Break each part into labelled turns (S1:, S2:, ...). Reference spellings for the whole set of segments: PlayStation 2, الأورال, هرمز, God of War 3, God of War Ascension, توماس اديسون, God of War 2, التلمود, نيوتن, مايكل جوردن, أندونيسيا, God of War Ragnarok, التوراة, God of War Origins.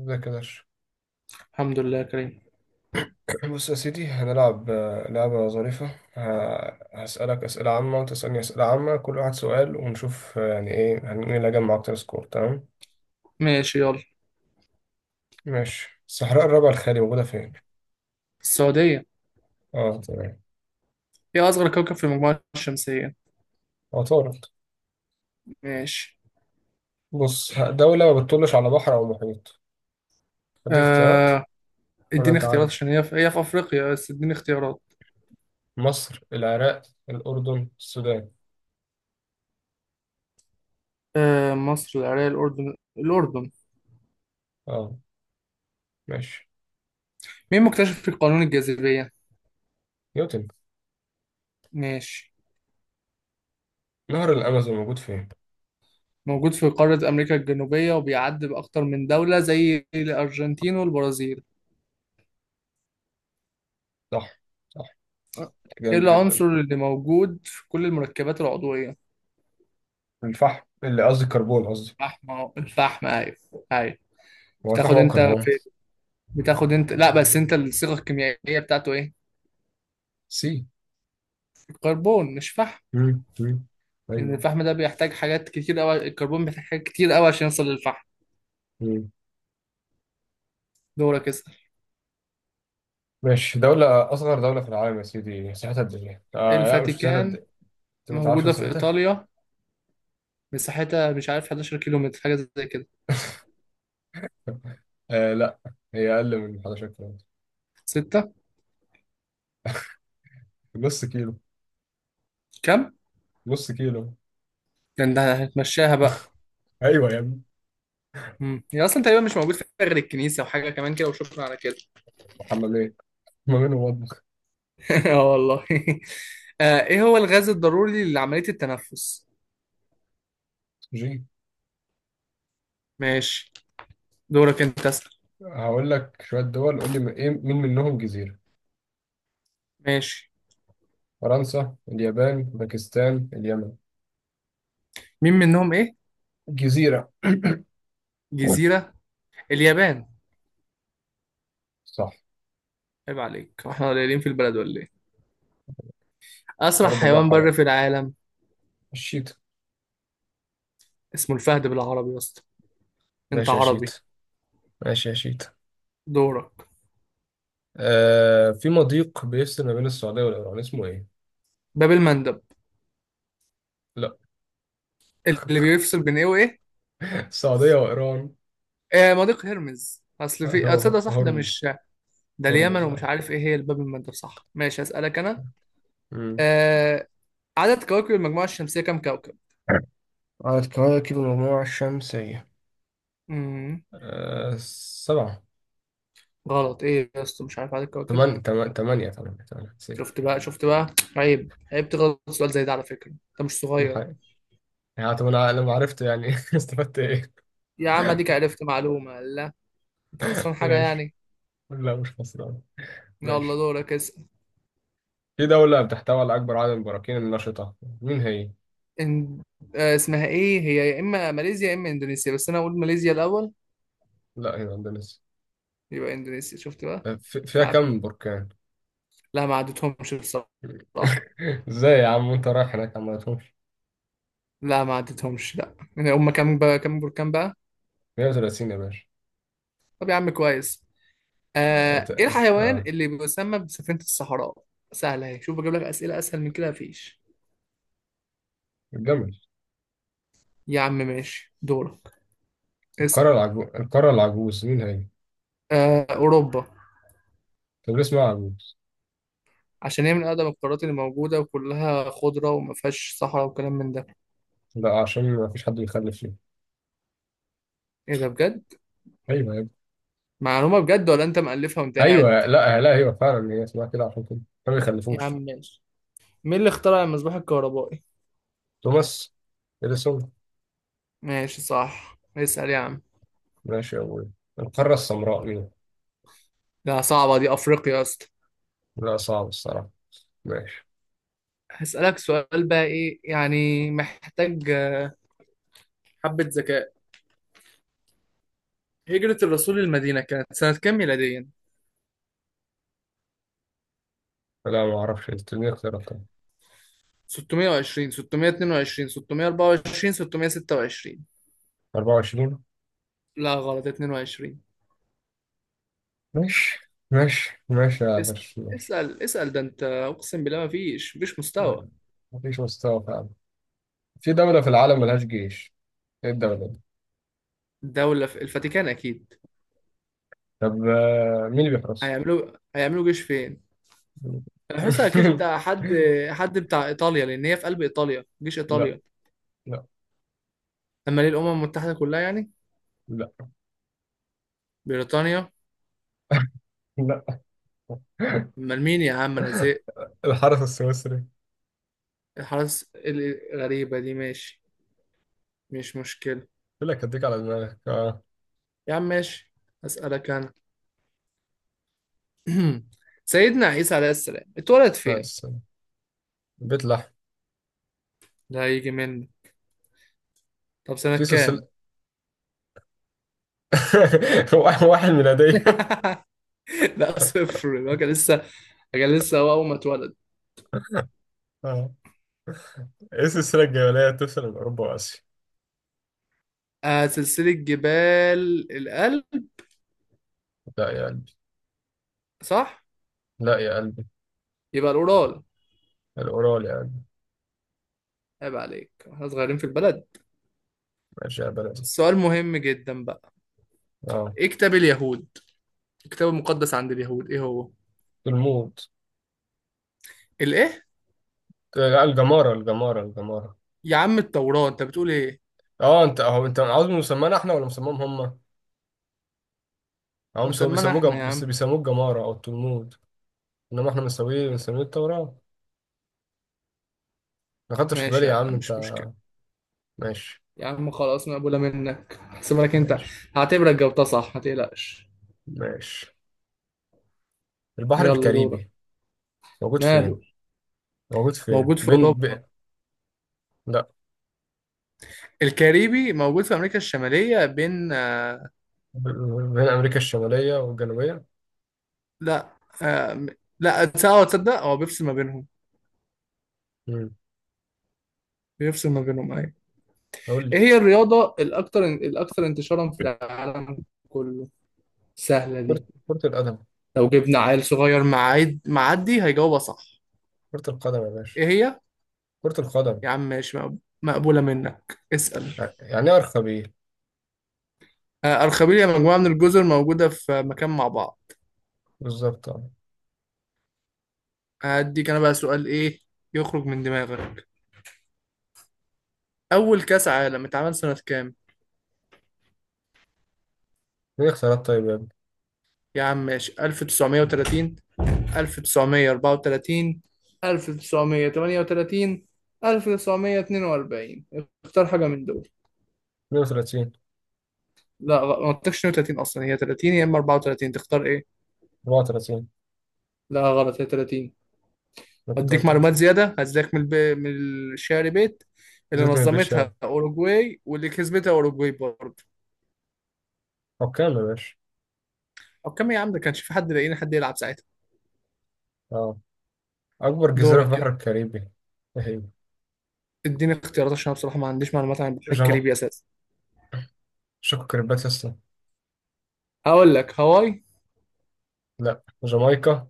S1: ازيك يا باشا.
S2: الحمد لله يا كريم.
S1: بص يا سيدي، هنلعب لعبة ظريفة. هسألك أسئلة عامة وأنت تسألني أسئلة عامة، كل واحد سؤال ونشوف يعني إيه مين اللي هيجمع أكتر سكور، تمام؟
S2: ماشي، يلا.
S1: ماشي. الصحراء الربع الخالي موجودة فين؟
S2: السعودية.
S1: أه، تمام.
S2: ايه أصغر كوكب في المجموعة الشمسية؟
S1: عطارد.
S2: ماشي.
S1: بص دولة ما بتطلش على بحر أو محيط. دي اختيارات
S2: آه،
S1: ولا
S2: اديني
S1: أنت
S2: اختيارات
S1: عارف؟
S2: عشان هي في أفريقيا، بس اديني اختيارات.
S1: مصر، العراق، الأردن، السودان.
S2: آه، مصر، العراق، الأردن، الأردن.
S1: أه، ماشي.
S2: مين مكتشف قانون الجاذبية؟
S1: نيوتن.
S2: ماشي.
S1: نهر الأمازون موجود فين؟
S2: موجود في قارة أمريكا الجنوبية وبيعدي بأكتر من دولة زي الأرجنتين والبرازيل.
S1: صح. صح.
S2: ايه
S1: جامد جدا.
S2: العنصر اللي موجود في كل المركبات العضوية؟
S1: الفحم، اللي قصدي الكربون قصدي.
S2: الفحم أهو، الفحم، أيوه. أيوه.
S1: هو الفحم
S2: بتاخد
S1: هو
S2: انت
S1: الكربون؟
S2: في بتاخد انت، لا، بس انت الصيغة الكيميائية بتاعته ايه؟
S1: سي.
S2: كربون مش فحم.
S1: مم. مم.
S2: ان
S1: ايوه.
S2: الفحم ده بيحتاج حاجات كتير قوي، الكربون بيحتاج حاجات كتير قوي عشان يوصل للفحم.
S1: مم.
S2: دورك، اسأل.
S1: ماشي. دولة، أصغر دولة في العالم يا سيدي، مساحتها قد إيه؟ آه لا، مش مساحتها قد
S2: الفاتيكان.
S1: إيه؟ أنت ما تعرفش
S2: موجودة في
S1: مساحتها؟
S2: إيطاليا. مساحتها مش عارف، 11 كيلو متر، حاجة زي كده.
S1: آه لا. هي أقل من 11 كيلو.
S2: ستة.
S1: نص كيلو.
S2: كم؟
S1: نص كيلو.
S2: ده انت هتمشاها بقى.
S1: أيوه يا ابني.
S2: مم. هي أصلا تقريبا مش موجود فيها غير الكنيسة وحاجة كمان كده، وشكرا على كده.
S1: حمامين. حمامين ومطبخ.
S2: اه، والله. آه، ايه هو الغاز الضروري لعملية التنفس؟
S1: جي.
S2: ماشي. دورك انت، اسأل.
S1: هقول لك شوية دول، قول لي إيه، مين منهم جزيرة؟
S2: ماشي.
S1: فرنسا، اليابان، باكستان، اليمن.
S2: مين منهم ايه؟
S1: جزيرة.
S2: جزيرة. اليابان.
S1: صح.
S2: عيب عليك، واحنا قليلين في البلد ولا ايه؟
S1: يا
S2: أسرع
S1: رب
S2: حيوان
S1: الراحة
S2: بري
S1: بقى.
S2: في العالم.
S1: الشيت.
S2: اسمه الفهد بالعربي يا اسطى. أنت
S1: ماشي يا شيت.
S2: عربي.
S1: ماشي يا شيت.
S2: دورك.
S1: آه، في مضيق بيفصل ما بين السعودية والإيران، اسمه إيه؟
S2: باب المندب.
S1: لا.
S2: اللي بيفصل بين إيه وإيه؟
S1: السعودية وإيران.
S2: آه، مضيق هرمز، أصل في أتصدق صح، ده
S1: هرمز.
S2: مش. ده اليمن،
S1: هرمز.
S2: ومش
S1: آه.
S2: عارف إيه هي الباب المندب، صح، ماشي، أسألك أنا.
S1: مم.
S2: آه. عدد كواكب المجموعة الشمسية كام كوكب؟
S1: عدد كواكب المجموعة الشمسية.
S2: مم.
S1: سبعة.
S2: غلط، إيه يا اسطى، مش عارف عدد كواكب.
S1: تمانية، نسيت.
S2: شفت بقى، شفت بقى. عيب، عيب تغلط في سؤال زي ده، على فكرة أنت مش صغير.
S1: الحقيقة. يعني طب أنا لما عرفت، يعني استفدت إيه؟
S2: يا عم، أديك عرفت معلومة، لا. أنت خسران حاجة
S1: ماشي.
S2: يعني.
S1: لا، مش خسران.
S2: يلا،
S1: ماشي.
S2: دورك اسأل.
S1: في دولة بتحتوي على أكبر عدد من البراكين النشطة، مين هي؟
S2: إن... آه، اسمها ايه هي؟ يا اما ماليزيا يا اما اندونيسيا، بس انا اقول ماليزيا الاول.
S1: لا، هي أندونيسيا.
S2: يبقى اندونيسيا، شفت بقى.
S1: فيها
S2: تعب.
S1: كم بركان؟
S2: لا، ما عدتهمش بصراحه.
S1: ازاي يا عم وانت رايح هناك، عم ما تهمش؟
S2: لا، ما عدتهمش، لا يعني، هم كام بقى؟ كام بركان بقى؟
S1: 130 يا باشا.
S2: طب يا عم كويس.
S1: اه ت-
S2: آه، ايه الحيوان
S1: آه.
S2: اللي بيسمى بسفينه الصحراء؟ سهله اهي، شوف بجيب لك اسئله اسهل من كده مفيش.
S1: الجمل.
S2: يا عم، ماشي، دورك. اسم
S1: القارة العجوز، القارة العجوز مين هي؟
S2: آه، اوروبا.
S1: طب ليه اسمها عجوز؟
S2: عشان هي من اقدم القارات اللي موجوده، وكلها خضره وما فيهاش صحراء وكلام من ده.
S1: لا، عشان ما فيش حد بيخلف فيها.
S2: ايه ده بجد؟
S1: ايوه يا ابني.
S2: معلومه بجد ولا انت مألفها وانت
S1: ايوه،
S2: قاعد؟
S1: لا، لا، ايوه، فعلا هي اسمها كده عشان كده ما
S2: يا عم
S1: بيخلفوش.
S2: ماشي. مين اللي اخترع المصباح الكهربائي؟
S1: توماس. اديسون.
S2: ماشي، صح، اسأل يا عم.
S1: ماشي يا ابوي. القارة السمراء مين؟
S2: لا، صعبة دي، أفريقيا يا اسطى.
S1: لا، صعب الصراحة. ماشي.
S2: هسألك سؤال بقى، إيه يعني محتاج حبة ذكاء. هجرة الرسول للمدينة كانت سنة كام ميلاديا؟
S1: لا، ما اعرفش، انت ليه اختيارات طبعا.
S2: 620، 622، 624، 626.
S1: 24.
S2: لا غلط، 22.
S1: ماشي، ماشي، ماشي يا
S2: اسأل،
S1: درش، ماشي.
S2: اسأل، اسأل، ده أنت أقسم بالله، ما فيش، مفيش مستوى.
S1: مفيش مستوى فعلا. في دولة في العالم ملهاش جيش، ايه الدولة دي؟
S2: دولة في الفاتيكان أكيد.
S1: طب مين اللي بيحرسها؟
S2: هيعملوا جيش فين؟ الحوسة، أكيد حد. حد بتاع إيطاليا، لأن هي في قلب إيطاليا، جيش
S1: لا.
S2: إيطاليا.
S1: لا.
S2: أما ليه، الأمم المتحدة كلها يعني.
S1: لا.
S2: بريطانيا.
S1: لا.
S2: أمال مين يا عم، أنا زهقت.
S1: الحرس السويسري.
S2: الحرس الغريبة دي، ماشي. مش مشكلة.
S1: يقول لك هديك على دماغك، اه.
S2: يا عم ماشي. أسألك أنا. سيدنا عيسى عليه السلام اتولد فين؟
S1: بس. بيت لحم.
S2: ده هيجي مني. طب سنة
S1: في
S2: كام؟
S1: سلسلة. واحد ميلادية.
S2: لا، صفر، هو كان لسه. كان لسه هو أول ما اتولد.
S1: اه. ايه السلسلة الجبلية اللي بتفصل بين أوروبا وآسيا؟
S2: آه، سلسلة جبال الألب.
S1: لا يا قلبي.
S2: صح؟
S1: لا يا قلبي.
S2: يبقى الأورال.
S1: الأورال يا قلبي.
S2: عيب عليك، احنا صغيرين في البلد.
S1: ماشي يا بلدي.
S2: سؤال مهم جدا بقى.
S1: اه.
S2: ايه كتاب اليهود؟ الكتاب المقدس عند اليهود ايه هو؟
S1: الموت.
S2: الايه؟
S1: لا، الجمارة، الجمارة، الجمارة.
S2: يا عم التوراة، انت بتقول ايه؟
S1: اه، انت اهو، انت عاوز مسمانا احنا ولا مسماهم هم؟ هم سو
S2: مسمانا
S1: بيسموه
S2: احنا
S1: جم...
S2: يا
S1: بيس-
S2: عم.
S1: بيسموه الجمارة أو التلمود. إنما إحنا بنسميه التوراة. ما خدتش في بالي
S2: ماشي
S1: يا
S2: يا
S1: عم
S2: عم،
S1: أنت.
S2: مش مشكلة.
S1: ماشي.
S2: يا عم خلاص، مقبولة منك، هحسبها لك انت.
S1: ماشي.
S2: هعتبرك جاوبتها صح، ما تقلقش.
S1: ماشي. البحر
S2: يلا، دورك.
S1: الكاريبي موجود
S2: ماله.
S1: فين؟ موجود فين؟
S2: موجود في اوروبا.
S1: لا.
S2: الكاريبي موجود في امريكا الشمالية، بين.
S1: ب... بين أمريكا الشمالية والجنوبية.
S2: لا. آه. لا، تصدق هو بيفصل ما بينهم.
S1: مم.
S2: بيفصل ما بينهم، ايوه.
S1: قول
S2: ايه
S1: لي.
S2: هي الرياضة الاكثر انتشارا في العالم؟ كله. سهلة
S1: كرة
S2: دي.
S1: كرة القدم
S2: لو جبنا عيل صغير معايد معدي هيجاوبها صح.
S1: كرة القدم يا باشا.
S2: ايه هي؟
S1: كرة القدم.
S2: يا عم ماشي، مقبولة منك، اسأل.
S1: يعني إيه أرخبيل؟
S2: أرخبيل يا، مجموعة من الجزر موجودة في مكان مع بعض.
S1: بالظبط أه.
S2: هديك أنا بقى سؤال، إيه يخرج من دماغك. أول كأس عالم اتعمل سنة كام؟
S1: مين اختيارات طيب يا ابني؟
S2: يا عم ماشي، 1930، 1934، 1938، 1942. اختار حاجة من دول.
S1: 32.
S2: لا، ما قلتلكش 32 أصلا، هي 30 يا إما 34، تختار إيه؟
S1: 34.
S2: لا غلط، هي 30.
S1: أنا كنت
S2: واديك
S1: قلت
S2: معلومات
S1: 30.
S2: زياده، هزيك من الشعر بيت. اللي
S1: زيت من البيت
S2: نظمتها
S1: شام.
S2: اوروجواي واللي كسبتها اوروجواي برضه.
S1: حكام يا باشا.
S2: او كم يا عم، ده كانش في حد لاقيين حد يلعب ساعتها.
S1: أه. أكبر جزيرة في
S2: دورك، يلا.
S1: البحر الكاريبي، إيه هي؟
S2: اديني اختيارات عشان انا بصراحه ما عنديش معلومات عن البحر
S1: جما
S2: الكاريبي اساسا.
S1: شكو كريبات أصلا.
S2: هقول لك هاواي.
S1: لا. جامايكا.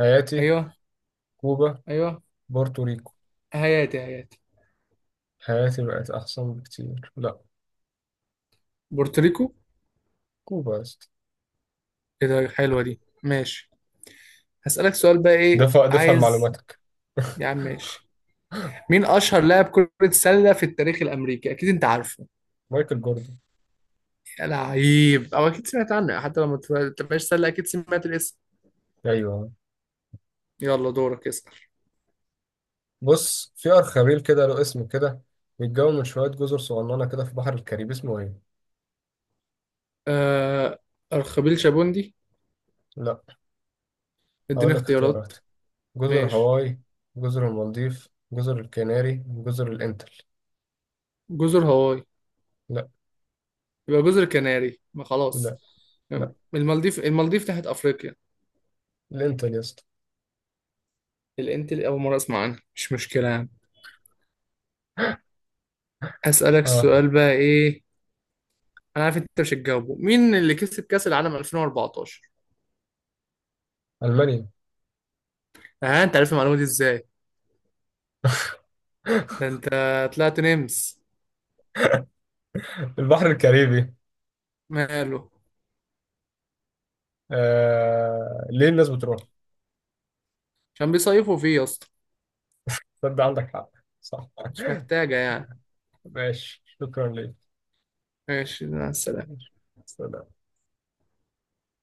S1: هايتي.
S2: ايوه.
S1: كوبا.
S2: ايوه.
S1: بورتوريكو.
S2: هياتي، هياتي.
S1: هايتي بقت أحسن بكتير. لا.
S2: بورتوريكو.
S1: كوبا يا اسطى.
S2: ايه ده، حلوه دي، ماشي. هسألك سؤال بقى، ايه
S1: دفع دفع
S2: عايز.
S1: لمعلوماتك.
S2: يا عم ماشي. مين اشهر لاعب كرة سلة في التاريخ الامريكي؟ اكيد انت عارفه.
S1: مايكل جوردن.
S2: يا لعيب، او اكيد سمعت عنه، حتى لو ما تبقاش سله اكيد سمعت الاسم.
S1: أيوه.
S2: يلا، دورك اسأل.
S1: بص في أرخبيل كده له اسم كده، بيتكون من شوية جزر صغننة كده في بحر الكاريبي، اسمه إيه؟
S2: آه، أرخبيل شابوندي.
S1: لا.
S2: اديني
S1: هقول لك
S2: اختيارات.
S1: اختيارات. جزر
S2: ماشي،
S1: هاواي، جزر المالديف، جزر الكناري، جزر الإنتل.
S2: جزر هاواي.
S1: لا.
S2: يبقى جزر كناري، ما خلاص.
S1: لا. لا
S2: المالديف، المالديف تحت أفريقيا.
S1: الإنتل يا اسطى.
S2: الانت، أول مرة أسمع عنها، مش مشكلة يعني. أسألك
S1: آه.
S2: السؤال بقى، إيه. أنا عارف أنت مش هتجاوبه، مين اللي كسب كأس العالم 2014؟
S1: ألمانيا.
S2: ها، أنت عارف المعلومة دي إزاي؟ ده أنت. طلعت نمس.
S1: البحر الكاريبي.
S2: ماله.
S1: ليه الناس بتروح؟
S2: عشان بيصيفوا فيه يا اسطى.
S1: تصدق عندك حق. صح.
S2: مش محتاجة يعني.
S1: ماشي، شكرا ليك.
S2: ماشي، مع السلامة.
S1: ماشي. سلام.